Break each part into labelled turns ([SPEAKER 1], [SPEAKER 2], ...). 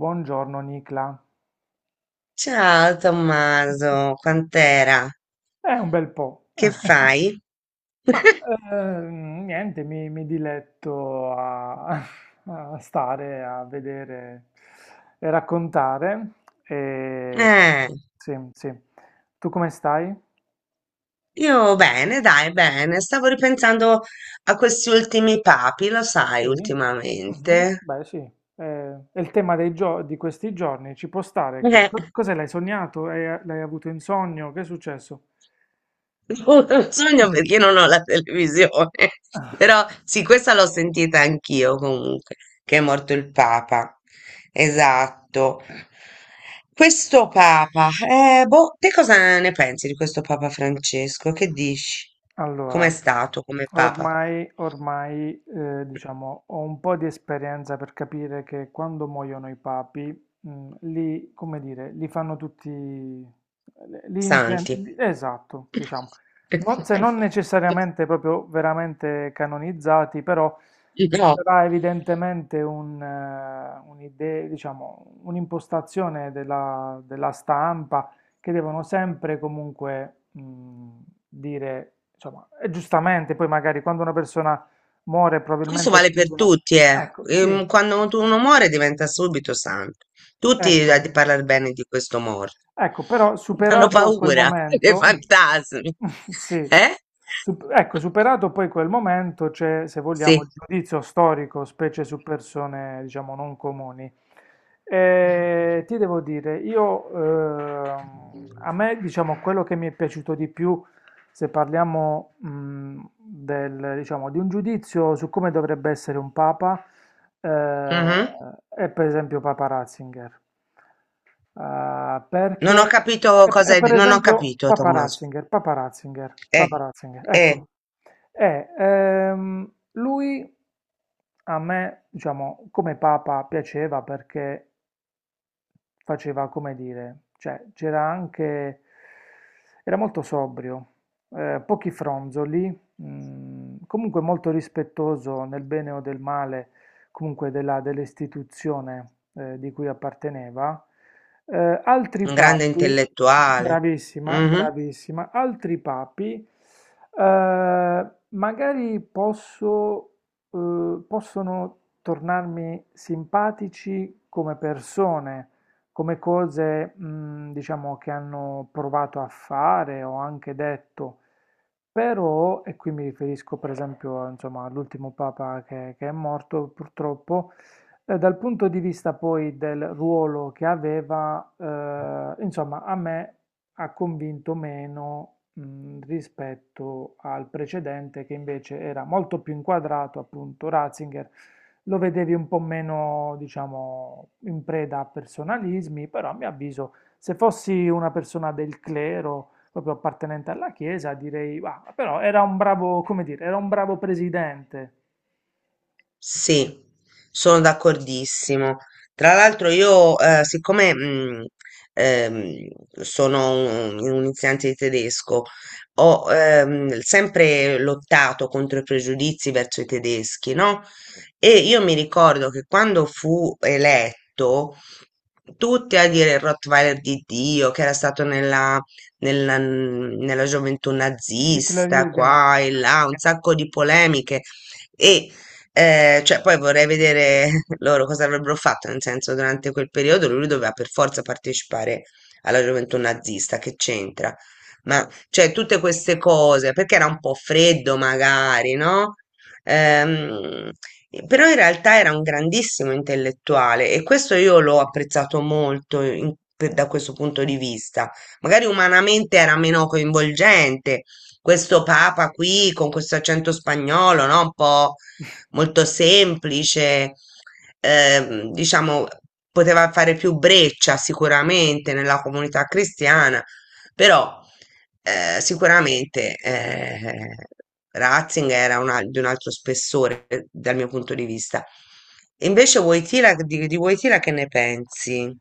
[SPEAKER 1] Buongiorno Nicla.
[SPEAKER 2] Ciao Tommaso, quant'era?
[SPEAKER 1] È un bel po'.
[SPEAKER 2] Che fai?
[SPEAKER 1] Ma niente, mi diletto a, a stare, a vedere e raccontare. E,
[SPEAKER 2] Eh,
[SPEAKER 1] sì, sì. Tu come stai?
[SPEAKER 2] io bene, dai, bene. Stavo ripensando a questi ultimi papi, lo sai,
[SPEAKER 1] Sì. Mhm,
[SPEAKER 2] ultimamente.
[SPEAKER 1] beh, sì. È il tema di questi giorni. Ci può stare che
[SPEAKER 2] Eh.
[SPEAKER 1] cos'è? L'hai sognato? L'hai avuto in sogno? Che è successo?
[SPEAKER 2] Non lo sogno perché non ho la televisione, però sì, questa l'ho sentita anch'io comunque, che è morto il Papa. Esatto. Questo Papa, boh, te cosa ne pensi di questo Papa Francesco? Che dici?
[SPEAKER 1] Allora,
[SPEAKER 2] Com'è stato come Papa?
[SPEAKER 1] ormai diciamo, ho un po' di esperienza per capire che quando muoiono i papi, li, come dire, li fanno tutti,
[SPEAKER 2] Santi.
[SPEAKER 1] esatto, diciamo, non, se non necessariamente proprio veramente canonizzati, però
[SPEAKER 2] No.
[SPEAKER 1] sarà evidentemente un, un'idea, diciamo, un'impostazione della stampa che devono sempre comunque dire, insomma, e giustamente poi magari quando una persona muore
[SPEAKER 2] Questo
[SPEAKER 1] probabilmente
[SPEAKER 2] vale per
[SPEAKER 1] punta una...
[SPEAKER 2] tutti, eh.
[SPEAKER 1] Ecco, sì,
[SPEAKER 2] Quando uno muore diventa subito santo. Tutti
[SPEAKER 1] ecco,
[SPEAKER 2] parlano bene di questo morto.
[SPEAKER 1] ecco, però
[SPEAKER 2] Hanno
[SPEAKER 1] superato quel
[SPEAKER 2] paura dei
[SPEAKER 1] momento,
[SPEAKER 2] fantasmi.
[SPEAKER 1] sì,
[SPEAKER 2] Eh?
[SPEAKER 1] Ecco, superato poi quel momento c'è, se vogliamo,
[SPEAKER 2] Sì.
[SPEAKER 1] il giudizio storico, specie su persone, diciamo, non comuni. Ti devo dire, io, a me, diciamo, quello che mi è piaciuto di più, se parliamo, del, diciamo, di un giudizio su come dovrebbe essere un papa, eh,
[SPEAKER 2] Mhm.
[SPEAKER 1] è per esempio Papa Ratzinger. Ah,
[SPEAKER 2] Non ho
[SPEAKER 1] perché
[SPEAKER 2] capito cosa
[SPEAKER 1] e per
[SPEAKER 2] Non ho
[SPEAKER 1] esempio
[SPEAKER 2] capito, Tommaso. Eh,
[SPEAKER 1] Papa Ratzinger,
[SPEAKER 2] eh,
[SPEAKER 1] ecco, e, lui a me, diciamo, come Papa piaceva perché faceva come dire, cioè c'era anche, era molto sobrio, pochi fronzoli, mm, comunque molto rispettoso nel bene o del male, comunque dell'istituzione di cui apparteneva. Altri
[SPEAKER 2] un grande
[SPEAKER 1] papi,
[SPEAKER 2] intellettuale. Mm-hmm.
[SPEAKER 1] bravissima, altri papi, magari posso, possono tornarmi simpatici come persone, come cose, diciamo, che hanno provato a fare o anche detto, però, e qui mi riferisco per esempio, insomma, all'ultimo papa che è morto purtroppo, dal punto di vista poi del ruolo che aveva, insomma, a me ha convinto meno, rispetto al precedente che invece era molto più inquadrato, appunto, Ratzinger lo vedevi un po' meno, diciamo, in preda a personalismi, però a mio avviso, se fossi una persona del clero, proprio appartenente alla Chiesa, direi, "Ah, però era un bravo, come dire, era un bravo presidente."
[SPEAKER 2] Sì, sono d'accordissimo. Tra l'altro io, siccome ehm, sono un insegnante di tedesco, ho sempre lottato contro i pregiudizi verso i tedeschi, no? E io mi ricordo che quando fu eletto, tutti a dire il Rottweiler di Dio, che era stato nella gioventù
[SPEAKER 1] Sì, era un bravo
[SPEAKER 2] nazista,
[SPEAKER 1] Hitlerjugend,
[SPEAKER 2] qua e là, un sacco di polemiche. E cioè, poi vorrei vedere loro cosa avrebbero fatto, nel senso, durante quel periodo lui doveva per forza partecipare alla gioventù nazista, che c'entra?
[SPEAKER 1] sì,
[SPEAKER 2] Ma, cioè, tutte queste cose, perché era un po' freddo magari, no? Ehm, Però in realtà era un grandissimo intellettuale e questo io l'ho
[SPEAKER 1] sì.
[SPEAKER 2] apprezzato molto da questo punto di vista. Magari umanamente era meno coinvolgente, questo papa qui con questo accento spagnolo, no? Un po' molto semplice, diciamo, poteva fare più breccia sicuramente nella comunità cristiana, però sicuramente Ratzinger era di un altro spessore dal mio punto di vista. Invece Wojtyla, di Wojtyla che ne pensi?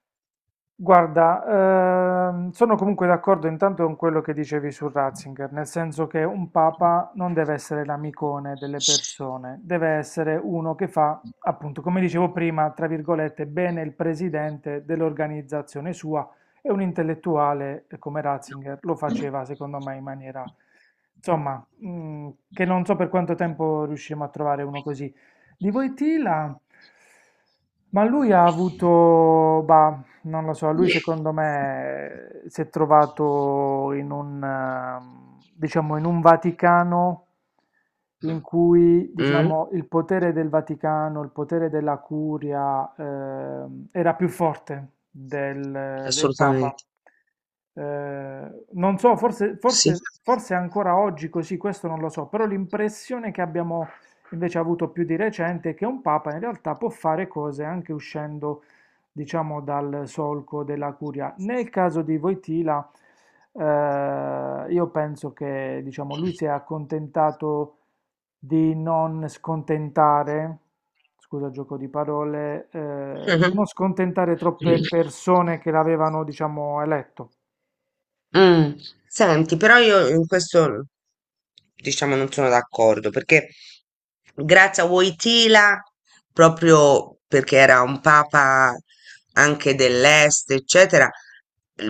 [SPEAKER 1] Guarda, sono comunque d'accordo intanto con quello che dicevi su Ratzinger, nel senso che un papa non deve essere l'amicone delle persone, deve essere uno che fa, appunto, come dicevo prima, tra virgolette, bene il presidente dell'organizzazione sua e un intellettuale come Ratzinger lo faceva, secondo me, in maniera, insomma, mm, che non so per quanto tempo riusciremo a trovare uno così. Di Voitila, ma lui ha avuto, bah, non lo so, lui secondo me si è trovato in un, diciamo, in un Vaticano in cui,
[SPEAKER 2] Mm?
[SPEAKER 1] diciamo, il potere del Vaticano, il potere della Curia, era più forte del Papa.
[SPEAKER 2] Assolutamente,
[SPEAKER 1] Non so,
[SPEAKER 2] sì.
[SPEAKER 1] forse ancora oggi così, questo non lo so, però l'impressione che abbiamo invece avuto più di recente è che un Papa in realtà può fare cose anche uscendo diciamo, dal solco della curia. Nel caso di Wojtyla, io penso che, diciamo, lui si è accontentato di non scontentare, scusa il gioco di parole, di non
[SPEAKER 2] Mhm.
[SPEAKER 1] scontentare troppe persone che l'avevano, diciamo, eletto,
[SPEAKER 2] Mm. Senti, però io in questo diciamo non sono d'accordo perché grazie a Wojtyla, proprio perché era un papa anche dell'est, eccetera,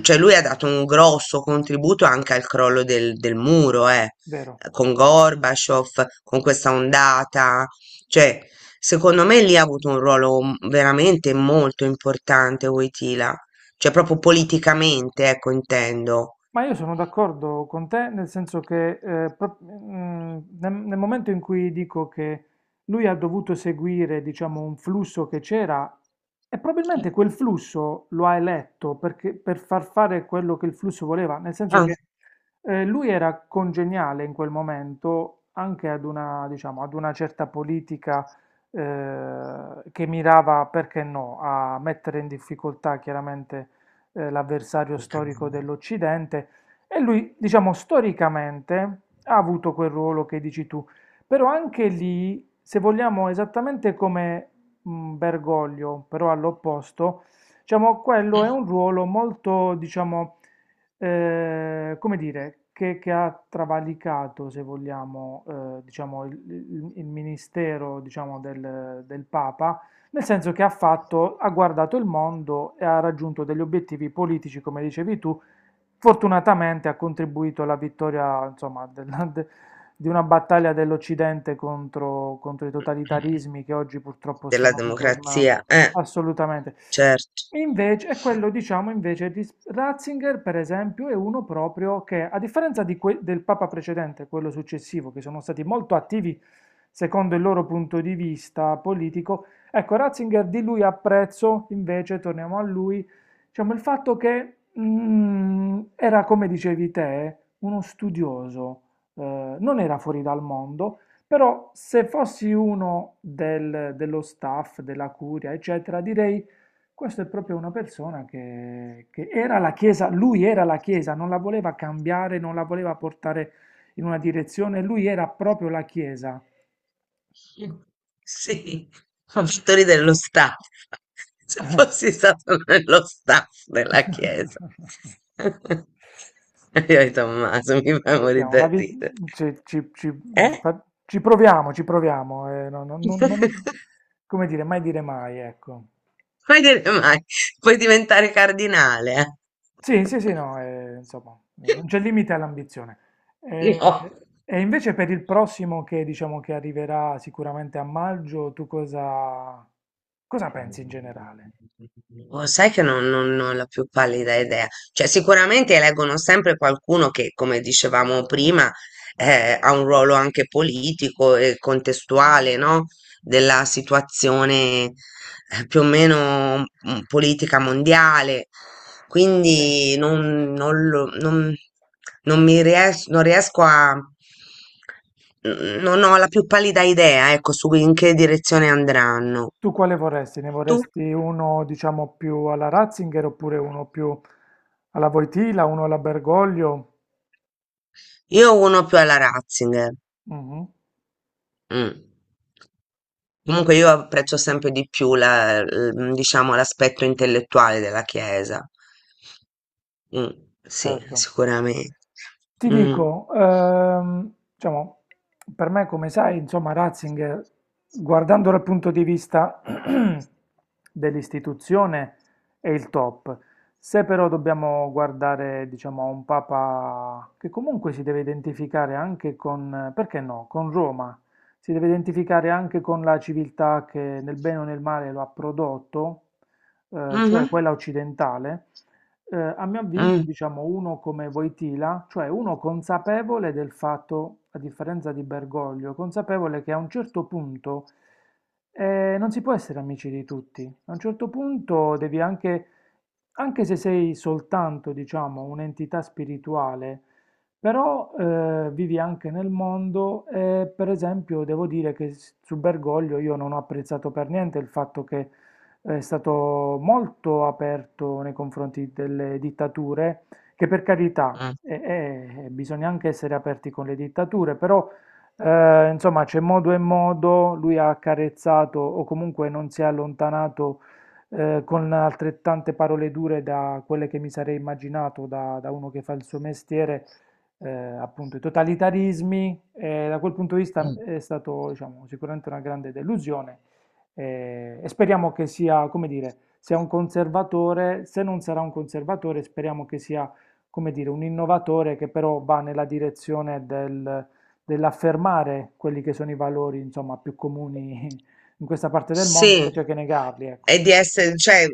[SPEAKER 2] cioè lui ha dato un grosso contributo anche al crollo del muro,
[SPEAKER 1] vero?
[SPEAKER 2] con Gorbaciov, con questa ondata, cioè secondo me lì ha avuto un ruolo veramente molto importante Wojtyla. Cioè proprio politicamente, ecco, intendo.
[SPEAKER 1] Ma io sono d'accordo con te, nel senso che mm, nel momento in cui dico che lui ha dovuto seguire, diciamo, un flusso che c'era, e probabilmente quel flusso lo ha eletto per far fare quello che il flusso voleva, nel senso
[SPEAKER 2] Ah,
[SPEAKER 1] che lui era congeniale in quel momento anche ad una, diciamo, ad una certa politica che mirava, perché no, a mettere in difficoltà chiaramente l'avversario
[SPEAKER 2] il
[SPEAKER 1] storico
[SPEAKER 2] cambiamento
[SPEAKER 1] dell'Occidente, e lui, diciamo, storicamente ha avuto quel ruolo che dici tu, però anche lì, se vogliamo, esattamente come Bergoglio, però all'opposto, diciamo, quello è
[SPEAKER 2] mm,
[SPEAKER 1] un ruolo molto, diciamo, come dire, che ha travalicato, se vogliamo, diciamo, il ministero, diciamo, del Papa nel senso che ha fatto, ha guardato il mondo e ha raggiunto degli obiettivi politici, come dicevi tu. Fortunatamente ha contribuito alla vittoria, insomma, di una battaglia dell'Occidente contro i totalitarismi che oggi purtroppo
[SPEAKER 2] della
[SPEAKER 1] stanno ritornando.
[SPEAKER 2] democrazia,
[SPEAKER 1] Assolutamente.
[SPEAKER 2] certo.
[SPEAKER 1] Invece, e quello diciamo invece di Ratzinger, per esempio, è uno proprio che, a differenza di del Papa precedente, quello successivo, che sono stati molto attivi secondo il loro punto di vista politico, ecco, Ratzinger di lui apprezzo, invece, torniamo a lui, diciamo il fatto che mm, era, come dicevi te, uno studioso, non era fuori dal mondo, però se fossi uno dello staff, della curia, eccetera, direi questo è proprio una persona che era la Chiesa, lui era la Chiesa, non la voleva cambiare, non la voleva portare in una direzione, lui era proprio la Chiesa.
[SPEAKER 2] Mm, sì. Ho fatto ridere lo staff. Se fossi stato nello staff della chiesa. Io e Tommaso mi fa morire
[SPEAKER 1] Vediamo,
[SPEAKER 2] da
[SPEAKER 1] la vi-
[SPEAKER 2] ridere.
[SPEAKER 1] ci, ci- ci-
[SPEAKER 2] Eh?
[SPEAKER 1] fa- ci proviamo, come dire mai, ecco.
[SPEAKER 2] Puoi dire mai, puoi diventare cardinale. Eh?
[SPEAKER 1] Sì, sì, sì, no, insomma, non c'è limite all'ambizione.
[SPEAKER 2] No.
[SPEAKER 1] Eh, e invece per il prossimo che diciamo che arriverà sicuramente a maggio, tu cosa pensi in generale?
[SPEAKER 2] Oh, sai che non ho la più pallida idea. Cioè, sicuramente eleggono sempre qualcuno che, come dicevamo prima, ha un ruolo anche politico e contestuale, no? Della situazione più o meno mm, politica mondiale,
[SPEAKER 1] Sì.
[SPEAKER 2] quindi non mi non riesco a, non ho la più pallida idea, ecco, su in che direzione andranno.
[SPEAKER 1] Tu quale vorresti? Ne
[SPEAKER 2] Tu?
[SPEAKER 1] vorresti uno, diciamo, più alla Ratzinger oppure uno più alla Voitila, uno alla Bergoglio?
[SPEAKER 2] Io uno più alla Ratzinger.
[SPEAKER 1] Mhm.
[SPEAKER 2] Mm. Comunque io apprezzo sempre di più diciamo, l'aspetto intellettuale della Chiesa. Mh, sì,
[SPEAKER 1] Certo.
[SPEAKER 2] sicuramente.
[SPEAKER 1] Ti
[SPEAKER 2] Mh.
[SPEAKER 1] dico, diciamo, per me, come sai, insomma, Ratzinger, guardando dal punto di vista dell'istituzione, è il top. Se però dobbiamo guardare, diciamo, a un papa che comunque si deve identificare anche con, perché no, con Roma, si deve identificare anche con la civiltà che nel bene o nel male lo ha prodotto, cioè
[SPEAKER 2] Mh-mh.
[SPEAKER 1] quella occidentale. A mio avviso,
[SPEAKER 2] Mh,
[SPEAKER 1] diciamo, uno come Wojtyla, cioè uno consapevole del fatto, a differenza di Bergoglio, consapevole che a un certo punto non si può essere amici di tutti. A un certo punto devi anche, anche se sei soltanto, diciamo, un'entità spirituale, però vivi anche nel mondo e, per esempio, devo dire che su Bergoglio io non ho apprezzato per niente il fatto che è stato molto aperto nei confronti delle dittature, che per carità,
[SPEAKER 2] mh,
[SPEAKER 1] bisogna anche essere aperti con le dittature, però insomma c'è modo e modo, lui ha accarezzato o comunque non si è allontanato con altrettante parole dure da quelle che mi sarei immaginato da uno che fa il suo mestiere, appunto i totalitarismi, e da quel punto di vista
[SPEAKER 2] mh.
[SPEAKER 1] è stato diciamo, sicuramente una grande delusione e speriamo che sia, come dire, sia un conservatore, se non sarà un conservatore, speriamo che sia, come dire, un innovatore che però va nella direzione dell'affermare quelli che sono i valori, insomma, più comuni in questa parte del mondo,
[SPEAKER 2] Sì.
[SPEAKER 1] invece che negarli, ecco.
[SPEAKER 2] E di essere cioè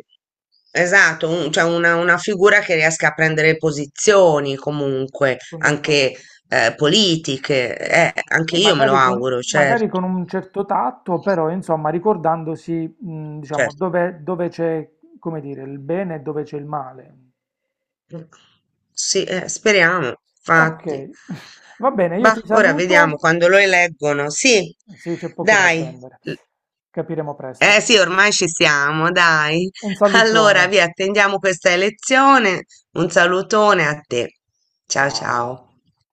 [SPEAKER 2] esatto, un cioè una figura che riesca a prendere posizioni comunque,
[SPEAKER 1] Sono
[SPEAKER 2] anche,
[SPEAKER 1] d'accordo.
[SPEAKER 2] politiche. Anche
[SPEAKER 1] Sì,
[SPEAKER 2] io me lo auguro, certo,
[SPEAKER 1] magari con un certo tatto, però insomma ricordandosi, diciamo,
[SPEAKER 2] certo.
[SPEAKER 1] dove c'è, come dire, il bene e dove c'è il male.
[SPEAKER 2] Mh. Sì, speriamo,
[SPEAKER 1] Ok,
[SPEAKER 2] infatti.
[SPEAKER 1] va bene, io
[SPEAKER 2] Bah,
[SPEAKER 1] ti
[SPEAKER 2] ora vediamo
[SPEAKER 1] saluto.
[SPEAKER 2] quando lo eleggono. Sì,
[SPEAKER 1] Sì, c'è poco da
[SPEAKER 2] dai.
[SPEAKER 1] attendere.
[SPEAKER 2] L
[SPEAKER 1] Capiremo
[SPEAKER 2] Eh
[SPEAKER 1] presto.
[SPEAKER 2] sì, ormai ci siamo, dai.
[SPEAKER 1] Un salutone.
[SPEAKER 2] Allora, vi attendiamo questa lezione. Un salutone a te. Ciao
[SPEAKER 1] Ciao.
[SPEAKER 2] ciao.